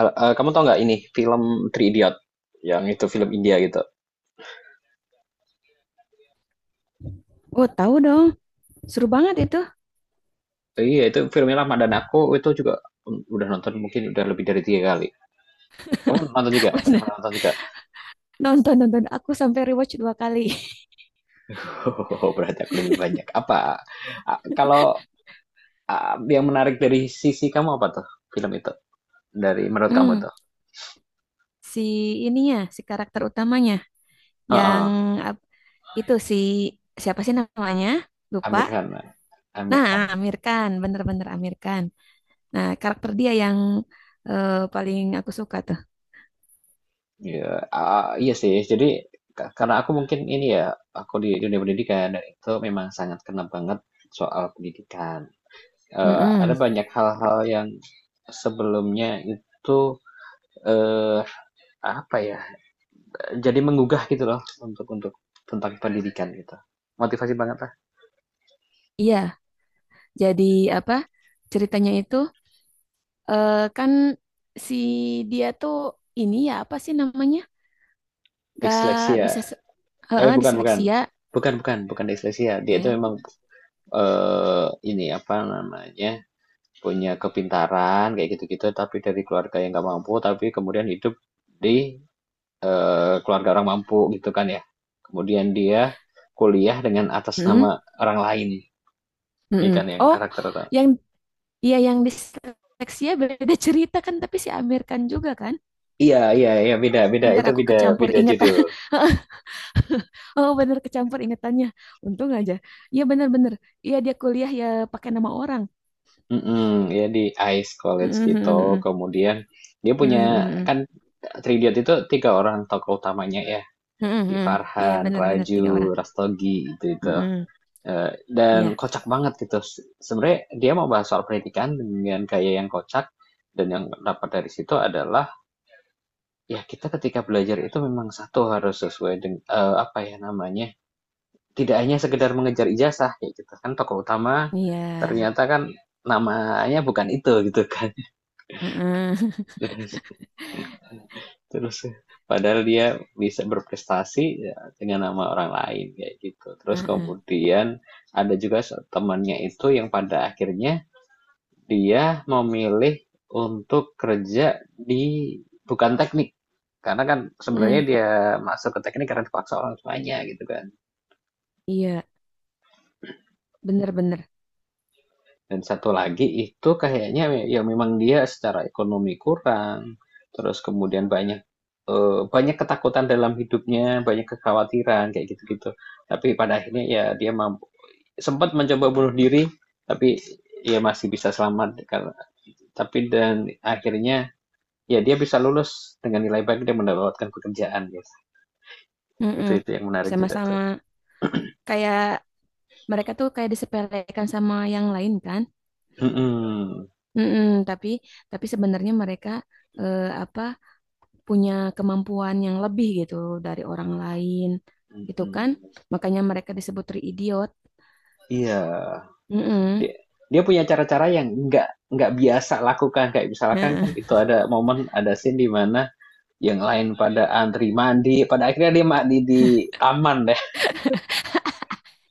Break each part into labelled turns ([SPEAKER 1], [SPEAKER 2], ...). [SPEAKER 1] Kamu tau nggak ini film Three Idiot yang itu film India gitu.
[SPEAKER 2] Oh, tahu dong. Seru banget itu.
[SPEAKER 1] Iya, itu filmnya lama dan aku itu juga udah nonton mungkin udah lebih dari 3 kali. Kamu nonton juga? Udah
[SPEAKER 2] Bener.
[SPEAKER 1] pernah nonton juga?
[SPEAKER 2] Nonton-nonton aku sampai rewatch dua kali.
[SPEAKER 1] Oh, berarti aku lebih banyak. Apa? ah, kalau yang menarik dari sisi kamu apa tuh film itu? Dari menurut kamu
[SPEAKER 2] Hmm,
[SPEAKER 1] tuh?
[SPEAKER 2] si ininya, si karakter utamanya yang
[SPEAKER 1] Heeh,
[SPEAKER 2] ap- itu si siapa sih namanya? Lupa.
[SPEAKER 1] Amir Khan. Amir
[SPEAKER 2] Nah,
[SPEAKER 1] Khan.
[SPEAKER 2] Amir Khan, bener-bener Amir Khan. Nah, karakter dia yang paling aku suka tuh.
[SPEAKER 1] Iya, iya sih. Jadi karena aku mungkin ini ya, aku di dunia pendidikan dan itu memang sangat kena banget soal pendidikan. Ada
[SPEAKER 2] Mm-mm.
[SPEAKER 1] banyak hal-hal yang sebelumnya itu eh apa ya jadi menggugah gitu loh untuk tentang pendidikan gitu, motivasi banget lah.
[SPEAKER 2] Iya, jadi apa? Ceritanya itu kan si dia tuh ini ya apa sih namanya? Gak
[SPEAKER 1] Disleksia.
[SPEAKER 2] bisa se-
[SPEAKER 1] Tapi
[SPEAKER 2] Heeh,
[SPEAKER 1] bukan bukan
[SPEAKER 2] disleksia.
[SPEAKER 1] bukan bukan bukan disleksia, dia itu
[SPEAKER 2] Eh,
[SPEAKER 1] memang eh ini apa namanya punya kepintaran kayak gitu-gitu, tapi dari keluarga yang nggak mampu, tapi kemudian hidup di keluarga orang mampu gitu kan ya. Kemudian dia kuliah dengan atas
[SPEAKER 2] Mm-mm,
[SPEAKER 1] nama orang lain. Ini
[SPEAKER 2] mm-mm.
[SPEAKER 1] kan yang
[SPEAKER 2] Oh,
[SPEAKER 1] karakter atau...
[SPEAKER 2] yang iya yang disleksia beda cerita kan, tapi si Amir Khan juga kan.
[SPEAKER 1] Iya, iya, iya, beda, beda.
[SPEAKER 2] Ntar
[SPEAKER 1] Itu
[SPEAKER 2] aku
[SPEAKER 1] beda,
[SPEAKER 2] kecampur
[SPEAKER 1] beda
[SPEAKER 2] ingetan.
[SPEAKER 1] judul.
[SPEAKER 2] Oh, bener kecampur ingetannya. Untung aja. Iya bener-bener. Iya dia kuliah ya pakai nama orang.
[SPEAKER 1] Mm-mm, ya di Ice College
[SPEAKER 2] Mm-mm,
[SPEAKER 1] gitu.
[SPEAKER 2] mm-mm,
[SPEAKER 1] Kemudian dia punya,
[SPEAKER 2] mm-mm, mm-mm,
[SPEAKER 1] kan Tridiat itu tiga orang tokoh utamanya ya.
[SPEAKER 2] mm-mm,
[SPEAKER 1] Si
[SPEAKER 2] mm-mm. Iya
[SPEAKER 1] Farhan,
[SPEAKER 2] bener-bener
[SPEAKER 1] Raju,
[SPEAKER 2] tiga orang.
[SPEAKER 1] Rastogi gitu itu.
[SPEAKER 2] Mm-mm.
[SPEAKER 1] Dan
[SPEAKER 2] Iya,
[SPEAKER 1] kocak banget gitu. Sebenarnya dia mau bahas soal pendidikan dengan gaya yang kocak, dan yang dapat dari situ adalah ya kita ketika belajar itu memang satu harus sesuai dengan apa ya namanya, tidak hanya sekedar mengejar ijazah ya gitu kan. Tokoh utama
[SPEAKER 2] iya.
[SPEAKER 1] ternyata kan namanya bukan itu gitu kan.
[SPEAKER 2] Mm-mm,
[SPEAKER 1] terus terus padahal dia bisa berprestasi ya, dengan nama orang lain kayak gitu. Terus
[SPEAKER 2] mm-mm,
[SPEAKER 1] kemudian ada juga temannya itu yang pada akhirnya dia memilih untuk kerja di bukan teknik, karena kan sebenarnya
[SPEAKER 2] mm-mm.
[SPEAKER 1] dia masuk ke teknik karena dipaksa orang tuanya gitu kan.
[SPEAKER 2] Iya, bener-bener.
[SPEAKER 1] Dan satu lagi itu kayaknya ya memang dia secara ekonomi kurang, terus kemudian banyak ketakutan dalam hidupnya, banyak kekhawatiran, kayak gitu-gitu. Tapi pada akhirnya ya dia mampu, sempat mencoba bunuh diri, tapi ya masih bisa selamat karena tapi dan akhirnya ya dia bisa lulus dengan nilai baik dan mendapatkan pekerjaan, guys. Itu
[SPEAKER 2] Mm-mm.
[SPEAKER 1] itu yang menarik juga tuh.
[SPEAKER 2] Sama-sama kayak mereka tuh kayak disepelekan sama yang lain kan.
[SPEAKER 1] Mhm,
[SPEAKER 2] Mm-mm, tapi sebenarnya mereka eh, apa punya kemampuan yang lebih gitu dari orang lain gitu kan.
[SPEAKER 1] mhm,
[SPEAKER 2] Makanya mereka disebut tri idiot.
[SPEAKER 1] iya.
[SPEAKER 2] Mm-mm.
[SPEAKER 1] Dia dia punya cara-cara yang nggak biasa lakukan, kayak misalkan kan
[SPEAKER 2] Heeh.
[SPEAKER 1] itu ada momen, ada scene di mana yang lain pada antri mandi, pada akhirnya dia mandi di taman deh.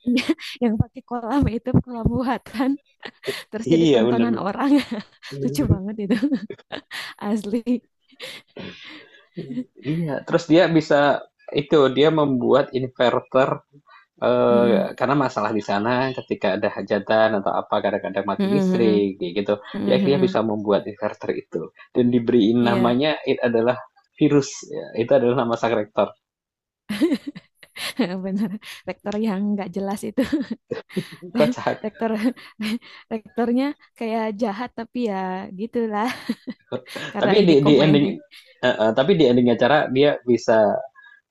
[SPEAKER 2] Iya, yang pakai kolam itu kolam buatan terus jadi
[SPEAKER 1] Iya,
[SPEAKER 2] tontonan
[SPEAKER 1] benar-benar.
[SPEAKER 2] orang. Lucu banget itu. Asli.
[SPEAKER 1] Iya, terus dia bisa, itu dia membuat inverter
[SPEAKER 2] Mm-mm.
[SPEAKER 1] karena masalah di sana ketika ada hajatan atau apa, kadang-kadang mati
[SPEAKER 2] Mm-mm, mm-mm,
[SPEAKER 1] listrik kayak gitu. Dia
[SPEAKER 2] mm-mm,
[SPEAKER 1] akhirnya
[SPEAKER 2] mm-mm.
[SPEAKER 1] bisa membuat inverter itu, dan diberi
[SPEAKER 2] Iya,
[SPEAKER 1] namanya itu adalah virus ya. Itu adalah nama sang rektor
[SPEAKER 2] benar. Rektor yang nggak jelas itu.
[SPEAKER 1] kocak.
[SPEAKER 2] rektor rektornya kayak jahat tapi ya gitulah karena
[SPEAKER 1] Tapi di
[SPEAKER 2] ini
[SPEAKER 1] di ending
[SPEAKER 2] komedi
[SPEAKER 1] heeh, tapi di ending acara dia bisa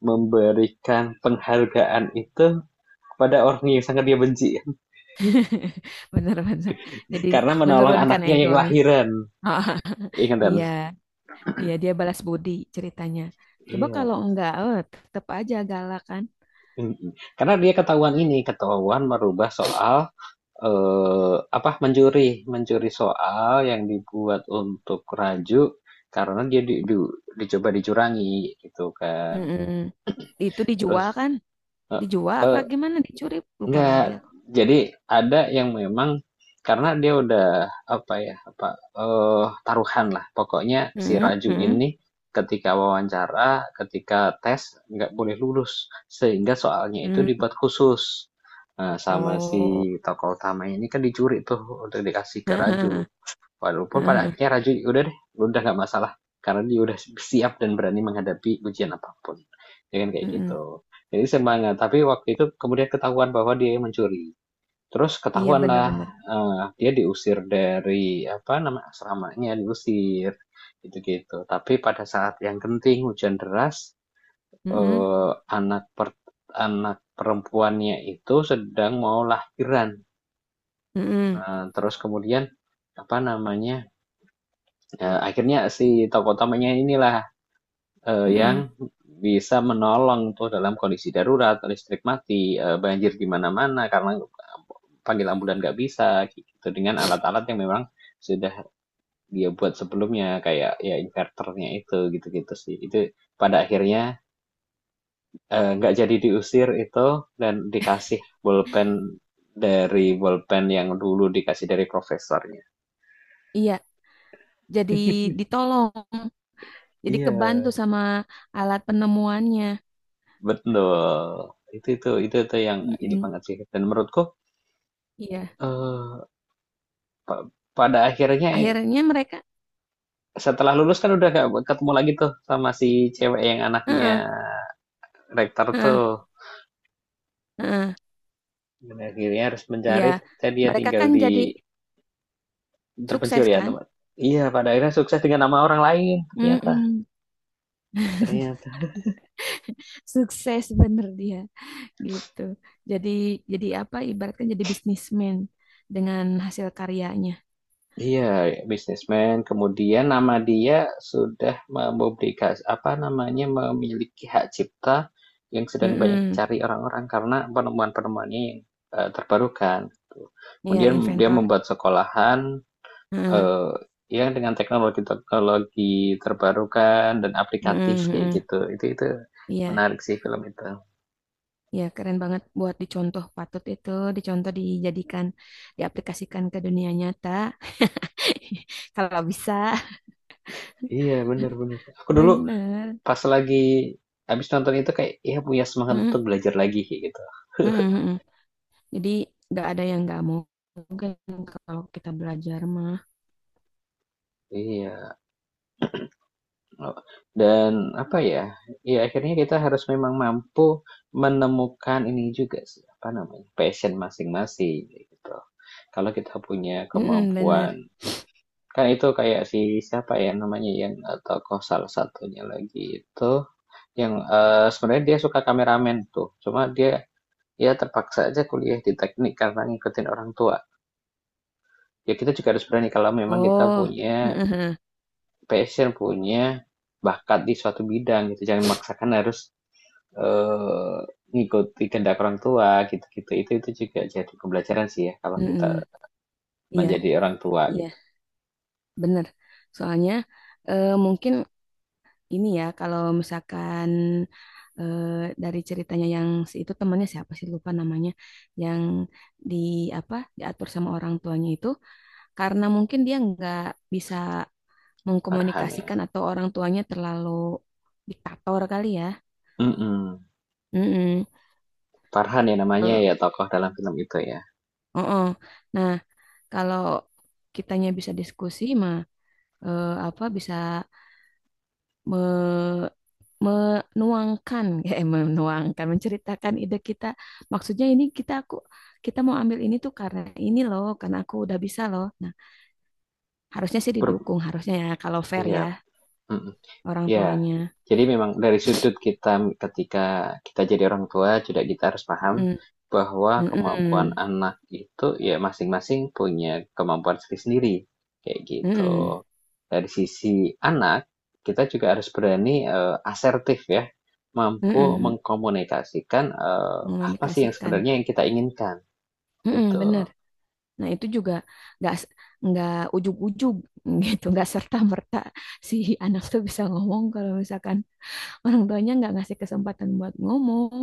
[SPEAKER 1] memberikan penghargaan itu kepada orang yang sangat dia benci.
[SPEAKER 2] bener-bener jadi
[SPEAKER 1] Karena menolong
[SPEAKER 2] menurunkan
[SPEAKER 1] anaknya yang
[SPEAKER 2] egonya
[SPEAKER 1] lahiran.
[SPEAKER 2] Ah,
[SPEAKER 1] Ingat kan?
[SPEAKER 2] iya, iya dia balas budi ceritanya coba kalau
[SPEAKER 1] Iya.
[SPEAKER 2] enggak tetep aja galak kan.
[SPEAKER 1] Mm-mm. Karena dia ketahuan ini, ketahuan merubah soal, eh apa mencuri soal yang dibuat untuk Raju, karena dia dicoba dicurangi gitu kan.
[SPEAKER 2] Mm-mm. Itu dijual
[SPEAKER 1] Terus.
[SPEAKER 2] kan,
[SPEAKER 1] eh,
[SPEAKER 2] dijual apa
[SPEAKER 1] eh,
[SPEAKER 2] gimana dicuri, lupa
[SPEAKER 1] Enggak,
[SPEAKER 2] lagi aku.
[SPEAKER 1] jadi ada yang memang, karena dia udah apa ya, apa, eh taruhan lah. Pokoknya si
[SPEAKER 2] Mm-mm,
[SPEAKER 1] Raju
[SPEAKER 2] mm,
[SPEAKER 1] ini ketika wawancara, ketika tes nggak boleh lulus, sehingga soalnya itu
[SPEAKER 2] mm.
[SPEAKER 1] dibuat khusus. Nah, sama si
[SPEAKER 2] Oh.
[SPEAKER 1] tokoh utamanya ini kan dicuri tuh untuk dikasih ke Raju. Walaupun pada akhirnya Raju udah deh, udah nggak masalah karena dia udah siap dan berani menghadapi ujian apapun. Dengan kayak
[SPEAKER 2] Mm-mm.
[SPEAKER 1] gitu. Jadi semangat. Tapi waktu itu kemudian ketahuan bahwa dia mencuri. Terus
[SPEAKER 2] Iya
[SPEAKER 1] ketahuan lah,
[SPEAKER 2] bener-bener.
[SPEAKER 1] dia diusir, dari apa nama asramanya diusir gitu-gitu. Tapi pada saat yang genting hujan deras,
[SPEAKER 2] Mm-mm,
[SPEAKER 1] eh, anak per- anak perempuannya itu sedang mau lahiran.
[SPEAKER 2] mm-mm,
[SPEAKER 1] Terus kemudian apa namanya akhirnya si tokoh utamanya inilah, yang
[SPEAKER 2] mm-mm.
[SPEAKER 1] bisa menolong tuh dalam kondisi darurat, listrik mati, banjir di mana-mana, karena panggil ambulan nggak bisa gitu, dengan alat-alat yang memang sudah dia buat sebelumnya, kayak ya inverternya itu, gitu-gitu sih. Itu pada akhirnya, nggak jadi diusir itu, dan dikasih bolpen, dari bolpen yang dulu dikasih dari profesornya.
[SPEAKER 2] Iya jadi ditolong, jadi
[SPEAKER 1] Iya.
[SPEAKER 2] kebantu sama alat penemuannya.
[SPEAKER 1] Betul. Itu yang ini
[SPEAKER 2] Mm.
[SPEAKER 1] banget sih. Dan menurutku,
[SPEAKER 2] Iya,
[SPEAKER 1] eh, pa- pada akhirnya
[SPEAKER 2] akhirnya mereka,
[SPEAKER 1] setelah lulus, kan udah gak ketemu lagi tuh sama si cewek yang
[SPEAKER 2] heeh,
[SPEAKER 1] anaknya rektor
[SPEAKER 2] heeh,
[SPEAKER 1] tuh.
[SPEAKER 2] heeh,
[SPEAKER 1] Dan akhirnya harus
[SPEAKER 2] iya,
[SPEAKER 1] mencari, ternyata dia
[SPEAKER 2] mereka
[SPEAKER 1] tinggal
[SPEAKER 2] kan
[SPEAKER 1] di
[SPEAKER 2] jadi
[SPEAKER 1] terpencil
[SPEAKER 2] sukses
[SPEAKER 1] ya
[SPEAKER 2] kan?
[SPEAKER 1] teman. Iya, pada akhirnya sukses dengan nama orang lain ternyata.
[SPEAKER 2] Mm-mm.
[SPEAKER 1] Ternyata.
[SPEAKER 2] Sukses bener dia, gitu. Jadi, jadi apa? Ibaratkan jadi bisnismen dengan hasil karyanya.
[SPEAKER 1] Iya, bisnismen. Kemudian nama dia sudah memiliki hak cipta yang sedang banyak
[SPEAKER 2] Mm-mm.
[SPEAKER 1] dicari orang-orang, karena penemuan-penemuannya yang terbarukan. Gitu.
[SPEAKER 2] Iya,
[SPEAKER 1] Kemudian dia
[SPEAKER 2] inventor.
[SPEAKER 1] membuat sekolahan,
[SPEAKER 2] Heeh,
[SPEAKER 1] eh, yang dengan teknologi-teknologi terbarukan dan aplikatif
[SPEAKER 2] heeh,
[SPEAKER 1] kayak
[SPEAKER 2] heeh.
[SPEAKER 1] gitu. Itu
[SPEAKER 2] Iya.
[SPEAKER 1] menarik sih film itu.
[SPEAKER 2] Ya, keren banget buat dicontoh patut itu, dicontoh dijadikan, diaplikasikan ke dunia nyata. Kalau bisa,
[SPEAKER 1] Iya, benar-benar. Aku dulu
[SPEAKER 2] bener.
[SPEAKER 1] pas lagi habis nonton itu kayak ya punya semangat
[SPEAKER 2] Mm,
[SPEAKER 1] untuk belajar lagi kayak gitu.
[SPEAKER 2] mm, mm, mm. Jadi nggak ada yang nggak mau mungkin kalau kita belajar mah.
[SPEAKER 1] Iya. Oh, dan apa ya? Ya akhirnya kita harus memang mampu menemukan ini juga sih, apa namanya? Passion masing-masing kayak gitu. Kalau kita punya
[SPEAKER 2] Mm, mm,
[SPEAKER 1] kemampuan,
[SPEAKER 2] bener.
[SPEAKER 1] kan itu kayak si siapa ya namanya, yang tokoh salah satunya lagi itu, yang sebenarnya dia suka kameramen tuh. Cuma dia ya terpaksa aja kuliah di teknik karena ngikutin orang tua. Ya kita juga harus berani kalau memang kita
[SPEAKER 2] Oh,
[SPEAKER 1] punya
[SPEAKER 2] mm, mm,
[SPEAKER 1] passion, punya bakat di suatu bidang gitu. Jangan memaksakan harus eee, ngikuti kehendak orang tua gitu-gitu. Itu juga jadi pembelajaran sih ya kalau
[SPEAKER 2] mm,
[SPEAKER 1] kita
[SPEAKER 2] mm, mm. Iya,
[SPEAKER 1] menjadi orang tua
[SPEAKER 2] iya,
[SPEAKER 1] gitu.
[SPEAKER 2] bener. Soalnya mungkin ini ya kalau misalkan eh, dari ceritanya yang si itu temannya siapa sih lupa namanya yang di apa diatur sama orang tuanya itu karena mungkin dia nggak bisa
[SPEAKER 1] Farhan ya.
[SPEAKER 2] mengkomunikasikan atau orang tuanya terlalu diktator kali ya.
[SPEAKER 1] Mhm,
[SPEAKER 2] Mm-mm.
[SPEAKER 1] Farhan ya namanya
[SPEAKER 2] Kalau
[SPEAKER 1] ya, tokoh dalam film itu ya.
[SPEAKER 2] oh, nah, kalau kitanya bisa diskusi mah eh, apa bisa me menuangkan ya menuangkan menceritakan ide kita, maksudnya ini aku kita mau ambil ini tuh karena ini loh karena aku udah bisa loh, nah harusnya sih
[SPEAKER 1] Per
[SPEAKER 2] didukung, harusnya ya kalau fair
[SPEAKER 1] iya,
[SPEAKER 2] ya
[SPEAKER 1] mhm.
[SPEAKER 2] orang
[SPEAKER 1] Ya,
[SPEAKER 2] tuanya.
[SPEAKER 1] jadi memang dari sudut kita, ketika kita jadi orang tua juga kita harus paham
[SPEAKER 2] Mm,
[SPEAKER 1] bahwa
[SPEAKER 2] mm,
[SPEAKER 1] kemampuan
[SPEAKER 2] mm,
[SPEAKER 1] anak itu ya masing-masing punya kemampuan sendiri-sendiri, kayak gitu.
[SPEAKER 2] mm,
[SPEAKER 1] Dari sisi anak, kita juga harus berani, asertif ya,
[SPEAKER 2] mm,
[SPEAKER 1] mampu
[SPEAKER 2] mm,
[SPEAKER 1] mengkomunikasikan apa sih yang
[SPEAKER 2] mengomunikasikan.
[SPEAKER 1] sebenarnya yang kita inginkan,
[SPEAKER 2] Mm-mm,
[SPEAKER 1] gitu.
[SPEAKER 2] bener, nah itu juga nggak s- nggak ujug-ujug gitu nggak serta-merta si anak tuh bisa ngomong kalau misalkan orang tuanya nggak ngasih kesempatan buat ngomong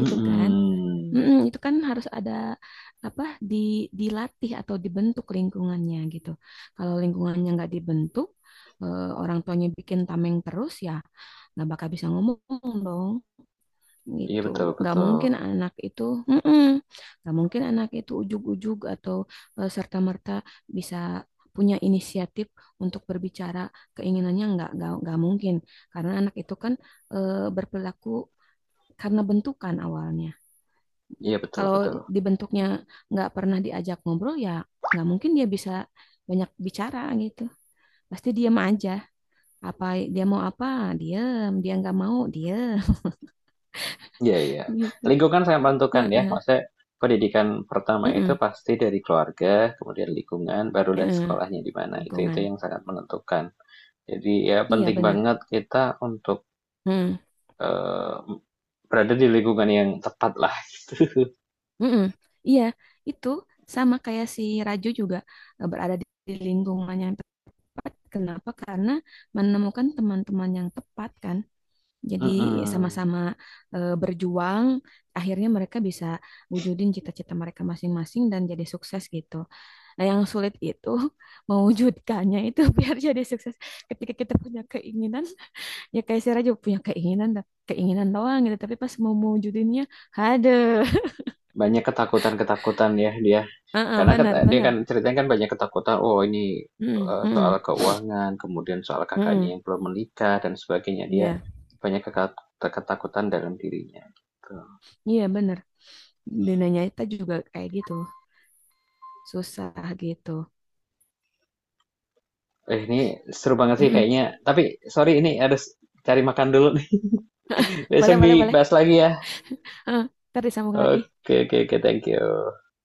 [SPEAKER 2] gitu kan. Mm-mm, itu kan harus ada apa di dilatih atau dibentuk lingkungannya gitu. Kalau lingkungannya nggak dibentuk, orang tuanya bikin tameng terus ya nggak bakal bisa ngomong dong
[SPEAKER 1] Iya,
[SPEAKER 2] gitu.
[SPEAKER 1] betul
[SPEAKER 2] Nggak
[SPEAKER 1] betul.
[SPEAKER 2] mungkin anak itu, mm-mm, nggak mungkin anak itu ujug-ujug atau serta-merta bisa punya inisiatif untuk berbicara keinginannya nggak mungkin karena anak itu kan berperilaku karena bentukan awalnya.
[SPEAKER 1] Iya, betul
[SPEAKER 2] Kalau
[SPEAKER 1] betul.
[SPEAKER 2] dibentuknya nggak pernah diajak ngobrol ya nggak mungkin dia bisa banyak bicara gitu. Pasti diam aja. Apa dia mau apa? Diam. Dia nggak mau diam
[SPEAKER 1] Iya, iya.
[SPEAKER 2] gitu.
[SPEAKER 1] Lingkungan sangat menentukan ya.
[SPEAKER 2] Heeh.
[SPEAKER 1] Maksudnya pendidikan pertama itu
[SPEAKER 2] Heeh.
[SPEAKER 1] pasti dari keluarga, kemudian lingkungan, barulah
[SPEAKER 2] Heeh.
[SPEAKER 1] sekolahnya di mana. Itu
[SPEAKER 2] Lingkungan.
[SPEAKER 1] yang sangat menentukan. Jadi ya
[SPEAKER 2] Iya
[SPEAKER 1] penting
[SPEAKER 2] benar.
[SPEAKER 1] banget kita untuk
[SPEAKER 2] Heeh.
[SPEAKER 1] eh, berada di lingkungan yang tepat lah.
[SPEAKER 2] Heeh. Iya itu sama kayak si Raju juga berada di lingkungan yang tepat. Kenapa? Karena menemukan teman-teman yang tepat kan. Jadi
[SPEAKER 1] Mm-mm.
[SPEAKER 2] sama-sama berjuang, akhirnya mereka bisa wujudin cita-cita mereka masing-masing dan jadi sukses gitu. Nah, yang sulit itu mewujudkannya itu biar jadi sukses. Ketika kita punya keinginan, ya kayak saya aja punya keinginan, dah, keinginan doang gitu. Tapi pas mau mewujudinnya, ada.
[SPEAKER 1] Banyak ketakutan-ketakutan ya dia.
[SPEAKER 2] Heeh,
[SPEAKER 1] Karena
[SPEAKER 2] benar,
[SPEAKER 1] dia
[SPEAKER 2] benar.
[SPEAKER 1] kan ceritanya kan banyak ketakutan. Oh ini,
[SPEAKER 2] Heeh,
[SPEAKER 1] soal
[SPEAKER 2] heeh,
[SPEAKER 1] keuangan, kemudian soal kakaknya
[SPEAKER 2] heeh.
[SPEAKER 1] yang belum menikah dan sebagainya. Dia
[SPEAKER 2] Iya,
[SPEAKER 1] banyak ketakutan dalam dirinya. Gitu.
[SPEAKER 2] iya benar. Dunianya kita juga kayak gitu, susah gitu.
[SPEAKER 1] Ini seru banget sih
[SPEAKER 2] Heeh.
[SPEAKER 1] kayaknya. Tapi sorry, ini harus cari makan dulu nih. Besok
[SPEAKER 2] Boleh, boleh, boleh.
[SPEAKER 1] dibahas lagi ya.
[SPEAKER 2] Heeh, ntar disambung lagi.
[SPEAKER 1] Oke, oke, oke, thank you.